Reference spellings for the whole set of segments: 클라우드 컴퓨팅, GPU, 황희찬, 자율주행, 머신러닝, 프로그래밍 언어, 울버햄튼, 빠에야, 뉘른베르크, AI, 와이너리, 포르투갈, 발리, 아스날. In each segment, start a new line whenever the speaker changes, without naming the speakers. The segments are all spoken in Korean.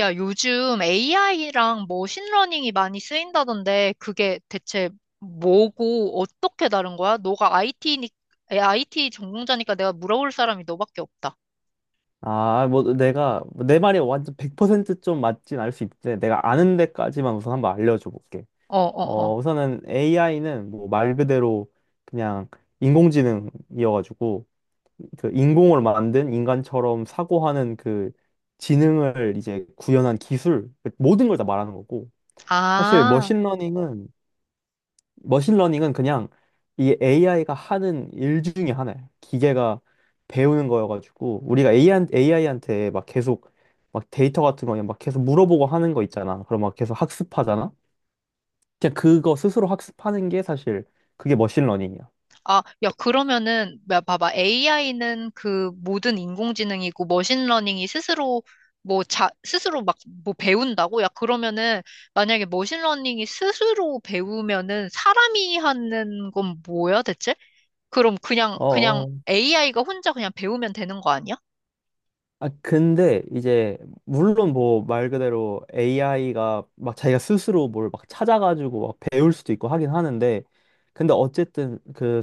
야, 요즘 AI랑 머신러닝이 많이 쓰인다던데 그게 대체 뭐고 어떻게 다른 거야? 너가 IT 전공자니까 내가 물어볼 사람이 너밖에 없다.
아, 뭐 내가 내 말이 완전 100% 좀 맞진 않을 수 있는데 내가 아는 데까지만 우선 한번 알려줘 볼게.
어, 어,
어,
어.
우선은 AI는 뭐 말 그대로 그냥 인공지능이어가지고 그 인공을 만든 인간처럼 사고하는 그 지능을 이제 구현한 기술 모든 걸 다 말하는 거고. 사실
아,
머신러닝은 그냥 이 AI가 하는 일 중에 하나야. 기계가 배우는 거여가지고 우리가 AI, 한테 막 계속 막 데이터 같은 거 그냥 막 계속 물어보고 하는 거 있잖아. 그럼 막 계속 학습하잖아. 그냥 그거 스스로 학습하는 게 사실 그게 머신러닝이야.
아, 야, 그러면은, 야, 봐봐. AI는 그 모든 인공지능이고 머신러닝이 스스로 뭐 자, 스스로 막 뭐 배운다고? 야, 그러면은 만약에 머신러닝이 스스로 배우면은 사람이 하는 건 뭐야, 대체? 그럼 그냥
어,
AI가 혼자 그냥 배우면 되는 거 아니야?
아, 근데 이제 물론 뭐 말 그대로 AI가 막 자기가 스스로 뭘 막 찾아가지고 막 배울 수도 있고 하긴 하는데, 근데 어쨌든 그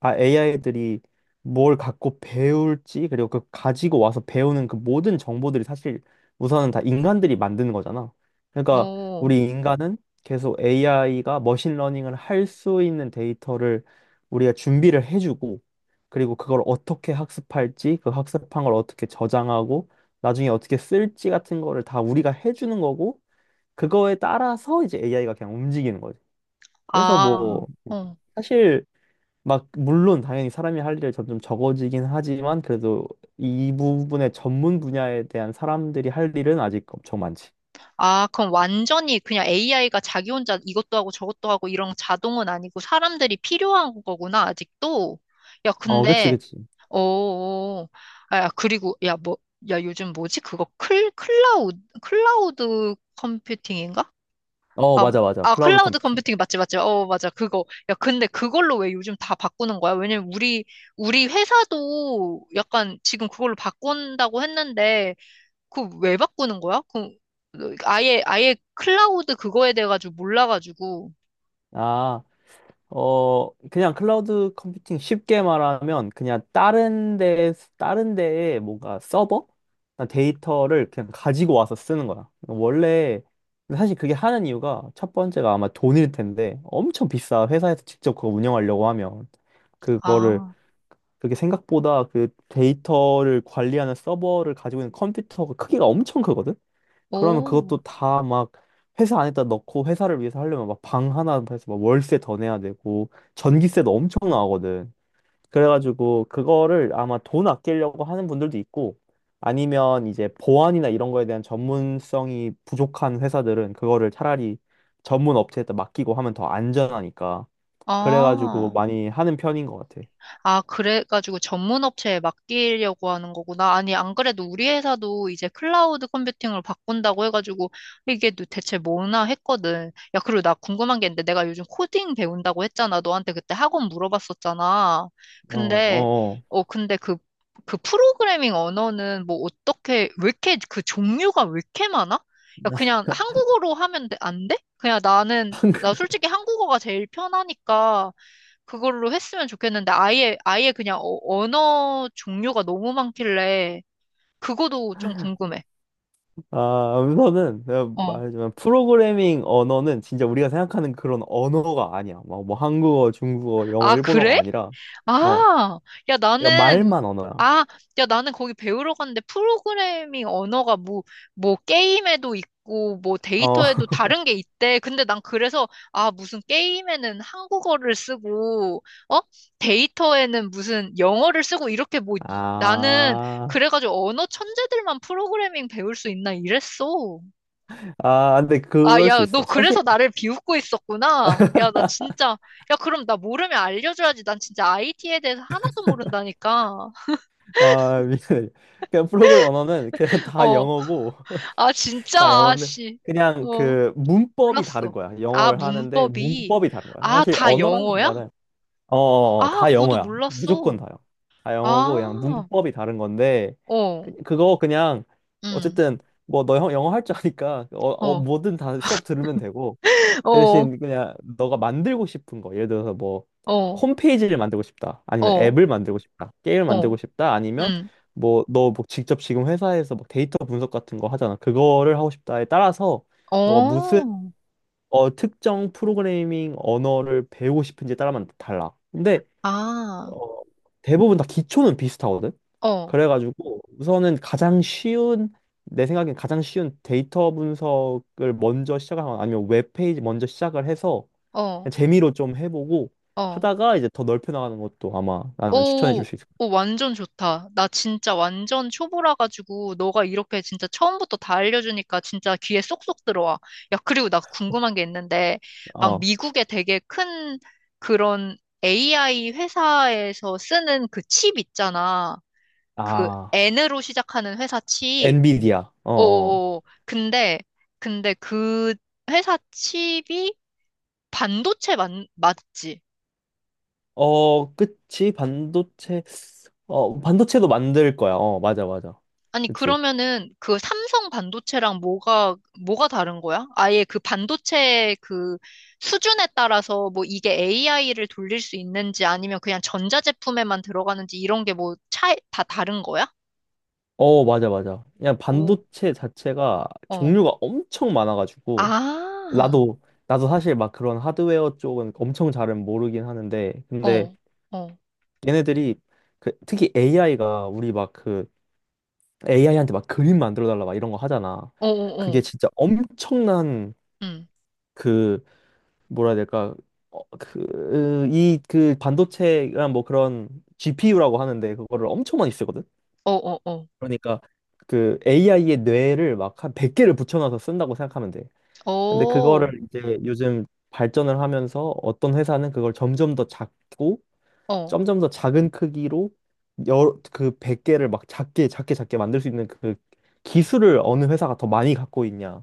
아, AI들이 뭘 갖고 배울지, 그리고 그 가지고 와서 배우는 그 모든 정보들이 사실 우선은 다 인간들이 만드는 거잖아. 그러니까
오,
우리 인간은 계속 AI가 머신러닝을 할 수 있는 데이터를 우리가 준비를 해주고, 그리고 그걸 어떻게 학습할지, 그 학습한 걸 어떻게 저장하고, 나중에 어떻게 쓸지 같은 거를 다 우리가 해주는 거고, 그거에 따라서 이제 AI가 그냥 움직이는 거지. 그래서
아,
뭐,
어.
사실 막, 물론 당연히 사람이 할 일이 점점 적어지긴 하지만, 그래도 이 부분의 전문 분야에 대한 사람들이 할 일은 아직 엄청 많지.
아, 그럼 완전히 그냥 AI가 자기 혼자 이것도 하고 저것도 하고 이런 자동은 아니고 사람들이 필요한 거구나, 아직도. 야,
어, 그치,
근데,
그치.
어, 어. 야, 그리고, 야, 뭐, 야, 요즘 뭐지? 그거 클라우드 컴퓨팅인가?
어,
아,
맞아, 맞아.
아,
클라우드
클라우드
컴퓨팅.
컴퓨팅 맞지, 맞지. 어, 맞아. 그거. 야, 근데 그걸로 왜 요즘 다 바꾸는 거야? 우리 회사도 약간 지금 그걸로 바꾼다고 했는데, 그거 왜 바꾸는 거야? 그, 아예 클라우드 그거에 대해 가지고 몰라가지고.
아. 어, 그냥 클라우드 컴퓨팅 쉽게 말하면 그냥 다른 데에 뭔가 서버? 데이터를 그냥 가지고 와서 쓰는 거야. 원래, 사실 그게 하는 이유가 첫 번째가 아마 돈일 텐데 엄청 비싸. 회사에서 직접 그거 운영하려고 하면. 그거를,
아,
그게 생각보다 그 데이터를 관리하는 서버를 가지고 있는 컴퓨터가 크기가 엄청 크거든? 그러면
오,
그것도 다 막 회사 안에다 넣고 회사를 위해서 하려면 막 방 하나 해서 막 월세 더 내야 되고 전기세도 엄청 나가거든. 그래가지고 그거를 아마 돈 아끼려고 하는 분들도 있고, 아니면 이제 보안이나 이런 거에 대한 전문성이 부족한 회사들은 그거를 차라리 전문 업체에다 맡기고 하면 더 안전하니까. 그래가지고
아.
많이 하는 편인 것 같아.
아, 그래가지고 전문 업체에 맡기려고 하는 거구나. 아니, 안 그래도 우리 회사도 이제 클라우드 컴퓨팅을 바꾼다고 해가지고 이게 또 대체 뭐나 했거든. 야, 그리고 나 궁금한 게 있는데 내가 요즘 코딩 배운다고 했잖아. 너한테 그때 학원 물어봤었잖아.
어,
근데,
어.
어, 근데 그, 그 프로그래밍 언어는 뭐 어떻게, 왜 이렇게 그 종류가 왜 이렇게 많아? 야, 그냥 한국어로 하면 돼- 안 돼? 나 솔직히 한국어가 제일 편하니까 그걸로 했으면 좋겠는데 아예 그냥 어- 언어 종류가 너무 많길래 그거도 좀 궁금해.
아, 우선은 내가
어.
말하지만 프로그래밍 언어는 진짜 우리가 생각하는 그런 언어가 아니야. 막 뭐 한국어, 중국어, 영어,
아, 그래?
일본어가 아니라 어,
아, 야,
그러니까
나는,
말만 언어야.
아, 야, 나는 거기 배우러 갔는데 프로그래밍 언어가 뭐, 뭐 게임에도 있고, 뭐
어,
데이터에도 다른 게 있대. 근데 난 그래서, 아, 무슨 게임에는 한국어를 쓰고, 어? 데이터에는 무슨 영어를 쓰고, 이렇게 뭐, 나는
아,
그래가지고 언어 천재들만 프로그래밍 배울 수 있나 이랬어.
아, 근데
아,
그럴 수
야, 너
있어.
그래서
사실
나를 비웃고 있었구나. 야, 나 진짜, 야, 그럼 나 모르면 알려줘야지. 난 진짜 IT에 대해서 하나도 모른다니까.
아, 미안해. 그냥 프로그래밍 언어는 그냥 다
어,
영어고
아, 진짜,
다 영어인데
아씨.
그냥
어,
그 문법이 다른
몰랐어.
거야.
아,
영어를 하는데
문법이,
문법이 다른 거야.
아,
사실
다
언어라는
영어야?
말은 어, 어, 어.
아,
다
그것도
영어야. 무조건
몰랐어.
다요. 다 영어고 그냥
아,
문법이 다른 건데
어,
그거 그냥
음,
어쨌든 뭐 너 영어 할 줄 아니까 어, 어,
어,
뭐든 다 수업 들으면 되고, 그
어,
대신 그냥 너가 만들고 싶은 거 예를 들어서 뭐
어,
홈페이지를 만들고 싶다, 아니면
어,
앱을 만들고 싶다, 게임을
어,
만들고 싶다, 아니면
음,
뭐 너 뭐 직접 지금 회사에서 뭐 데이터 분석 같은 거 하잖아, 그거를 하고 싶다에 따라서 너가 무슨
어,
어, 특정 프로그래밍 언어를 배우고 싶은지에 따라만 달라. 근데
아,
어, 대부분 다 기초는 비슷하거든.
어,
그래가지고 우선은 가장 쉬운, 내 생각엔 가장 쉬운 데이터 분석을 먼저 시작하거나 아니면 웹페이지 먼저 시작을 해서 그냥
어,
재미로 좀 해보고
어.
하다가 이제 더 넓혀 나가는 것도 아마 나는 추천해 줄
오,
수 있을
오, 완전 좋다. 나 진짜 완전 초보라 가지고 너가 이렇게 진짜 처음부터 다 알려주니까 진짜 귀에 쏙쏙 들어와. 야, 그리고 나 궁금한 게 있는데,
거야.
막
어.
미국에 되게 큰 그런 AI 회사에서 쓰는 그 칩 있잖아. 그
아,
N으로 시작하는 회사 칩.
엔비디아. 어, 어.
오, 근데 근데 그 회사 칩이 반도체 맞, 맞지?
어, 그치. 반도체. 어, 반도체도 만들 거야. 어, 맞아, 맞아.
아니,
그치.
그러면은 그 삼성 반도체랑 뭐가, 뭐가 다른 거야? 아예 그 반도체 그 수준에 따라서 뭐 이게 AI를 돌릴 수 있는지 아니면 그냥 전자제품에만 들어가는지 이런 게 뭐 차이, 다 다른 거야?
어, 맞아, 맞아. 그냥
오,
반도체 자체가
어.
종류가 엄청 많아가지고
아,
나도 나도 사실 막 그런 하드웨어 쪽은 엄청 잘은 모르긴 하는데, 근데
어, 어,
얘네들이 그 특히 AI가 우리 막 그 AI한테 막 그림 만들어 달라 막 이런 거 하잖아.
어, 어,
그게
어,
진짜 엄청난
응,
그 뭐라 해야 될까? 어, 반도체가 뭐 그런 GPU라고 하는데, 그거를 엄청 많이 쓰거든?
어, 어, 어,
그러니까 그 AI의 뇌를 막 한 100개를 붙여놔서 쓴다고 생각하면 돼. 근데
어,
그거를 이제 요즘 발전을 하면서 어떤 회사는 그걸 점점 더 작고
어,
점점 더 작은 크기로 여러 그 100개를 막 작게 작게 작게 만들 수 있는 그 기술을 어느 회사가 더 많이 갖고 있냐의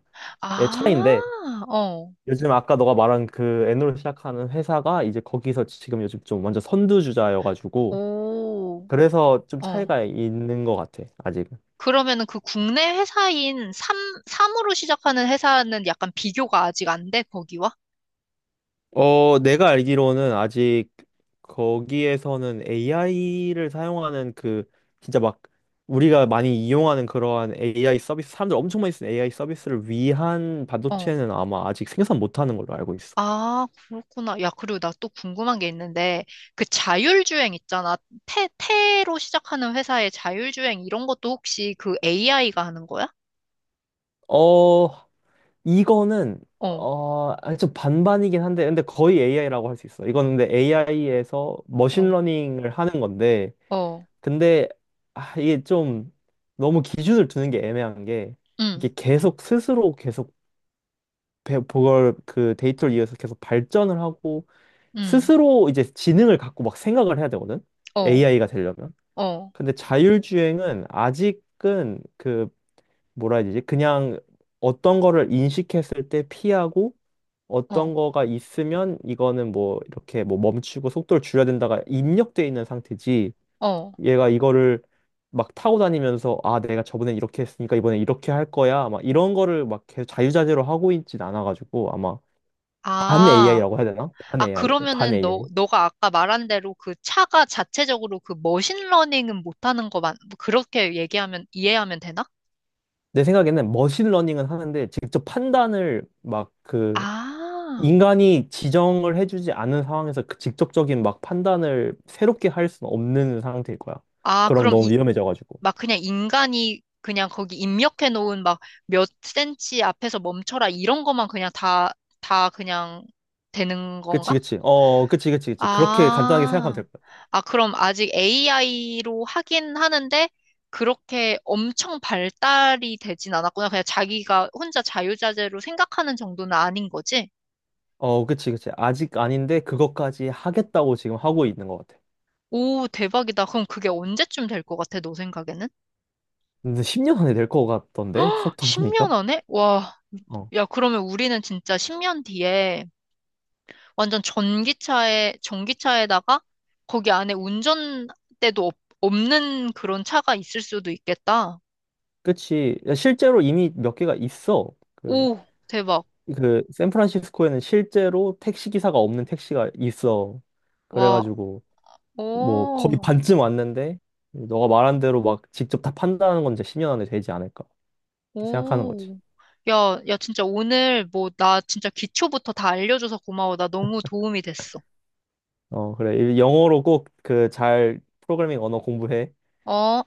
차이인데,
아, 어,
요즘 아까 너가 말한 그 N으로 시작하는 회사가 이제 거기서 지금 요즘 좀 완전 선두주자여가지고
오,
그래서 좀
어.
차이가 있는 것 같아 아직.
그러면은 그 국내 회사인 삼, 삼으로 시작하는 회사는 약간 비교가 아직 안 돼, 거기와?
어, 내가 알기로는 아직 거기에서는 AI를 사용하는 그 진짜 막 우리가 많이 이용하는 그러한 AI 서비스, 사람들 엄청 많이 쓰는 AI 서비스를 위한
어.
반도체는 아마 아직 생산 못하는 걸로 알고 있어.
아, 그렇구나. 야, 그리고 나 또 궁금한 게 있는데, 그 자율주행 있잖아. 태, 태로 시작하는 회사의 자율주행 이런 것도 혹시 그 AI가 하는 거야?
어, 이거는
어,
어, 아니, 좀 반반이긴 한데, 근데 거의 AI라고 할 수 있어. 이거는 근데 AI에서
어,
머신러닝을 하는 건데,
어,
근데 아, 이게 좀 너무 기준을 두는 게 애매한 게
응,
이게 계속 스스로 계속 그걸 그 데이터를 이어서 계속 발전을 하고
응,
스스로 이제 지능을 갖고 막 생각을 해야 되거든.
어,
AI가 되려면.
어,
근데 자율주행은 아직은 그 뭐라 해야 되지? 그냥 어떤 거를 인식했을 때 피하고
어,
어떤 거가 있으면 이거는 뭐 이렇게 뭐 멈추고 속도를 줄여야 된다가 입력돼 있는 상태지.
어.
얘가 이거를 막 타고 다니면서 아 내가 저번에 이렇게 했으니까 이번에 이렇게 할 거야 막 이런 거를 막 계속 자유자재로 하고 있진 않아가지고 아마 반
아,
AI라고 해야 되나? 반
아,
AI, 반
그러면은 너,
AI.
너가 아까 말한 대로 그 차가 자체적으로 그 머신러닝은 못하는 거 맞, 뭐 그렇게 얘기하면, 이해하면 되나?
내 생각에는 머신러닝은 하는데 직접 판단을 막 그
아,
인간이 지정을 해주지 않은 상황에서 그 직접적인 막 판단을 새롭게 할 수는 없는 상태일 거야.
아,
그럼
그럼
너무
이,
위험해져가지고.
막 그냥 인간이 그냥 거기 입력해 놓은 막 몇 센치 앞에서 멈춰라 이런 것만 그냥 다, 다 그냥 되는
그치,
건가?
그치. 어, 그치, 그치, 그치. 그렇게 간단하게 생각하면
아,
될 것 같아.
아, 그럼 아직 AI로 하긴 하는데, 그렇게 엄청 발달이 되진 않았구나. 그냥 자기가 혼자 자유자재로 생각하는 정도는 아닌 거지?
어, 그치, 그치. 아직 아닌데 그것까지 하겠다고 지금 하고 있는 것 같아.
오, 대박이다. 그럼 그게 언제쯤 될 것 같아, 너 생각에는?
근데 10년 안에 될 것 같던데? 속도 보니까.
10년 안에? 와,
어.
야, 그러면 우리는 진짜 10년 뒤에 완전 전기차에다가 거기 안에 운전대도 없, 없는 그런 차가 있을 수도 있겠다.
그치. 실제로 이미 몇 개가 있어. 그
오, 대박.
그 샌프란시스코에는 실제로 택시 기사가 없는 택시가 있어.
와,
그래가지고 뭐 거의
오,
반쯤 왔는데 너가 말한 대로 막 직접 다 판단하는 건 이제 10년 안에 되지 않을까 이렇게 생각하는 거지.
오. 야, 야, 진짜 오늘 뭐, 나 진짜 기초부터 다 알려줘서 고마워. 나 너무 도움이 됐어.
어 그래 영어로 꼭 그 잘 프로그래밍 언어 공부해.
어?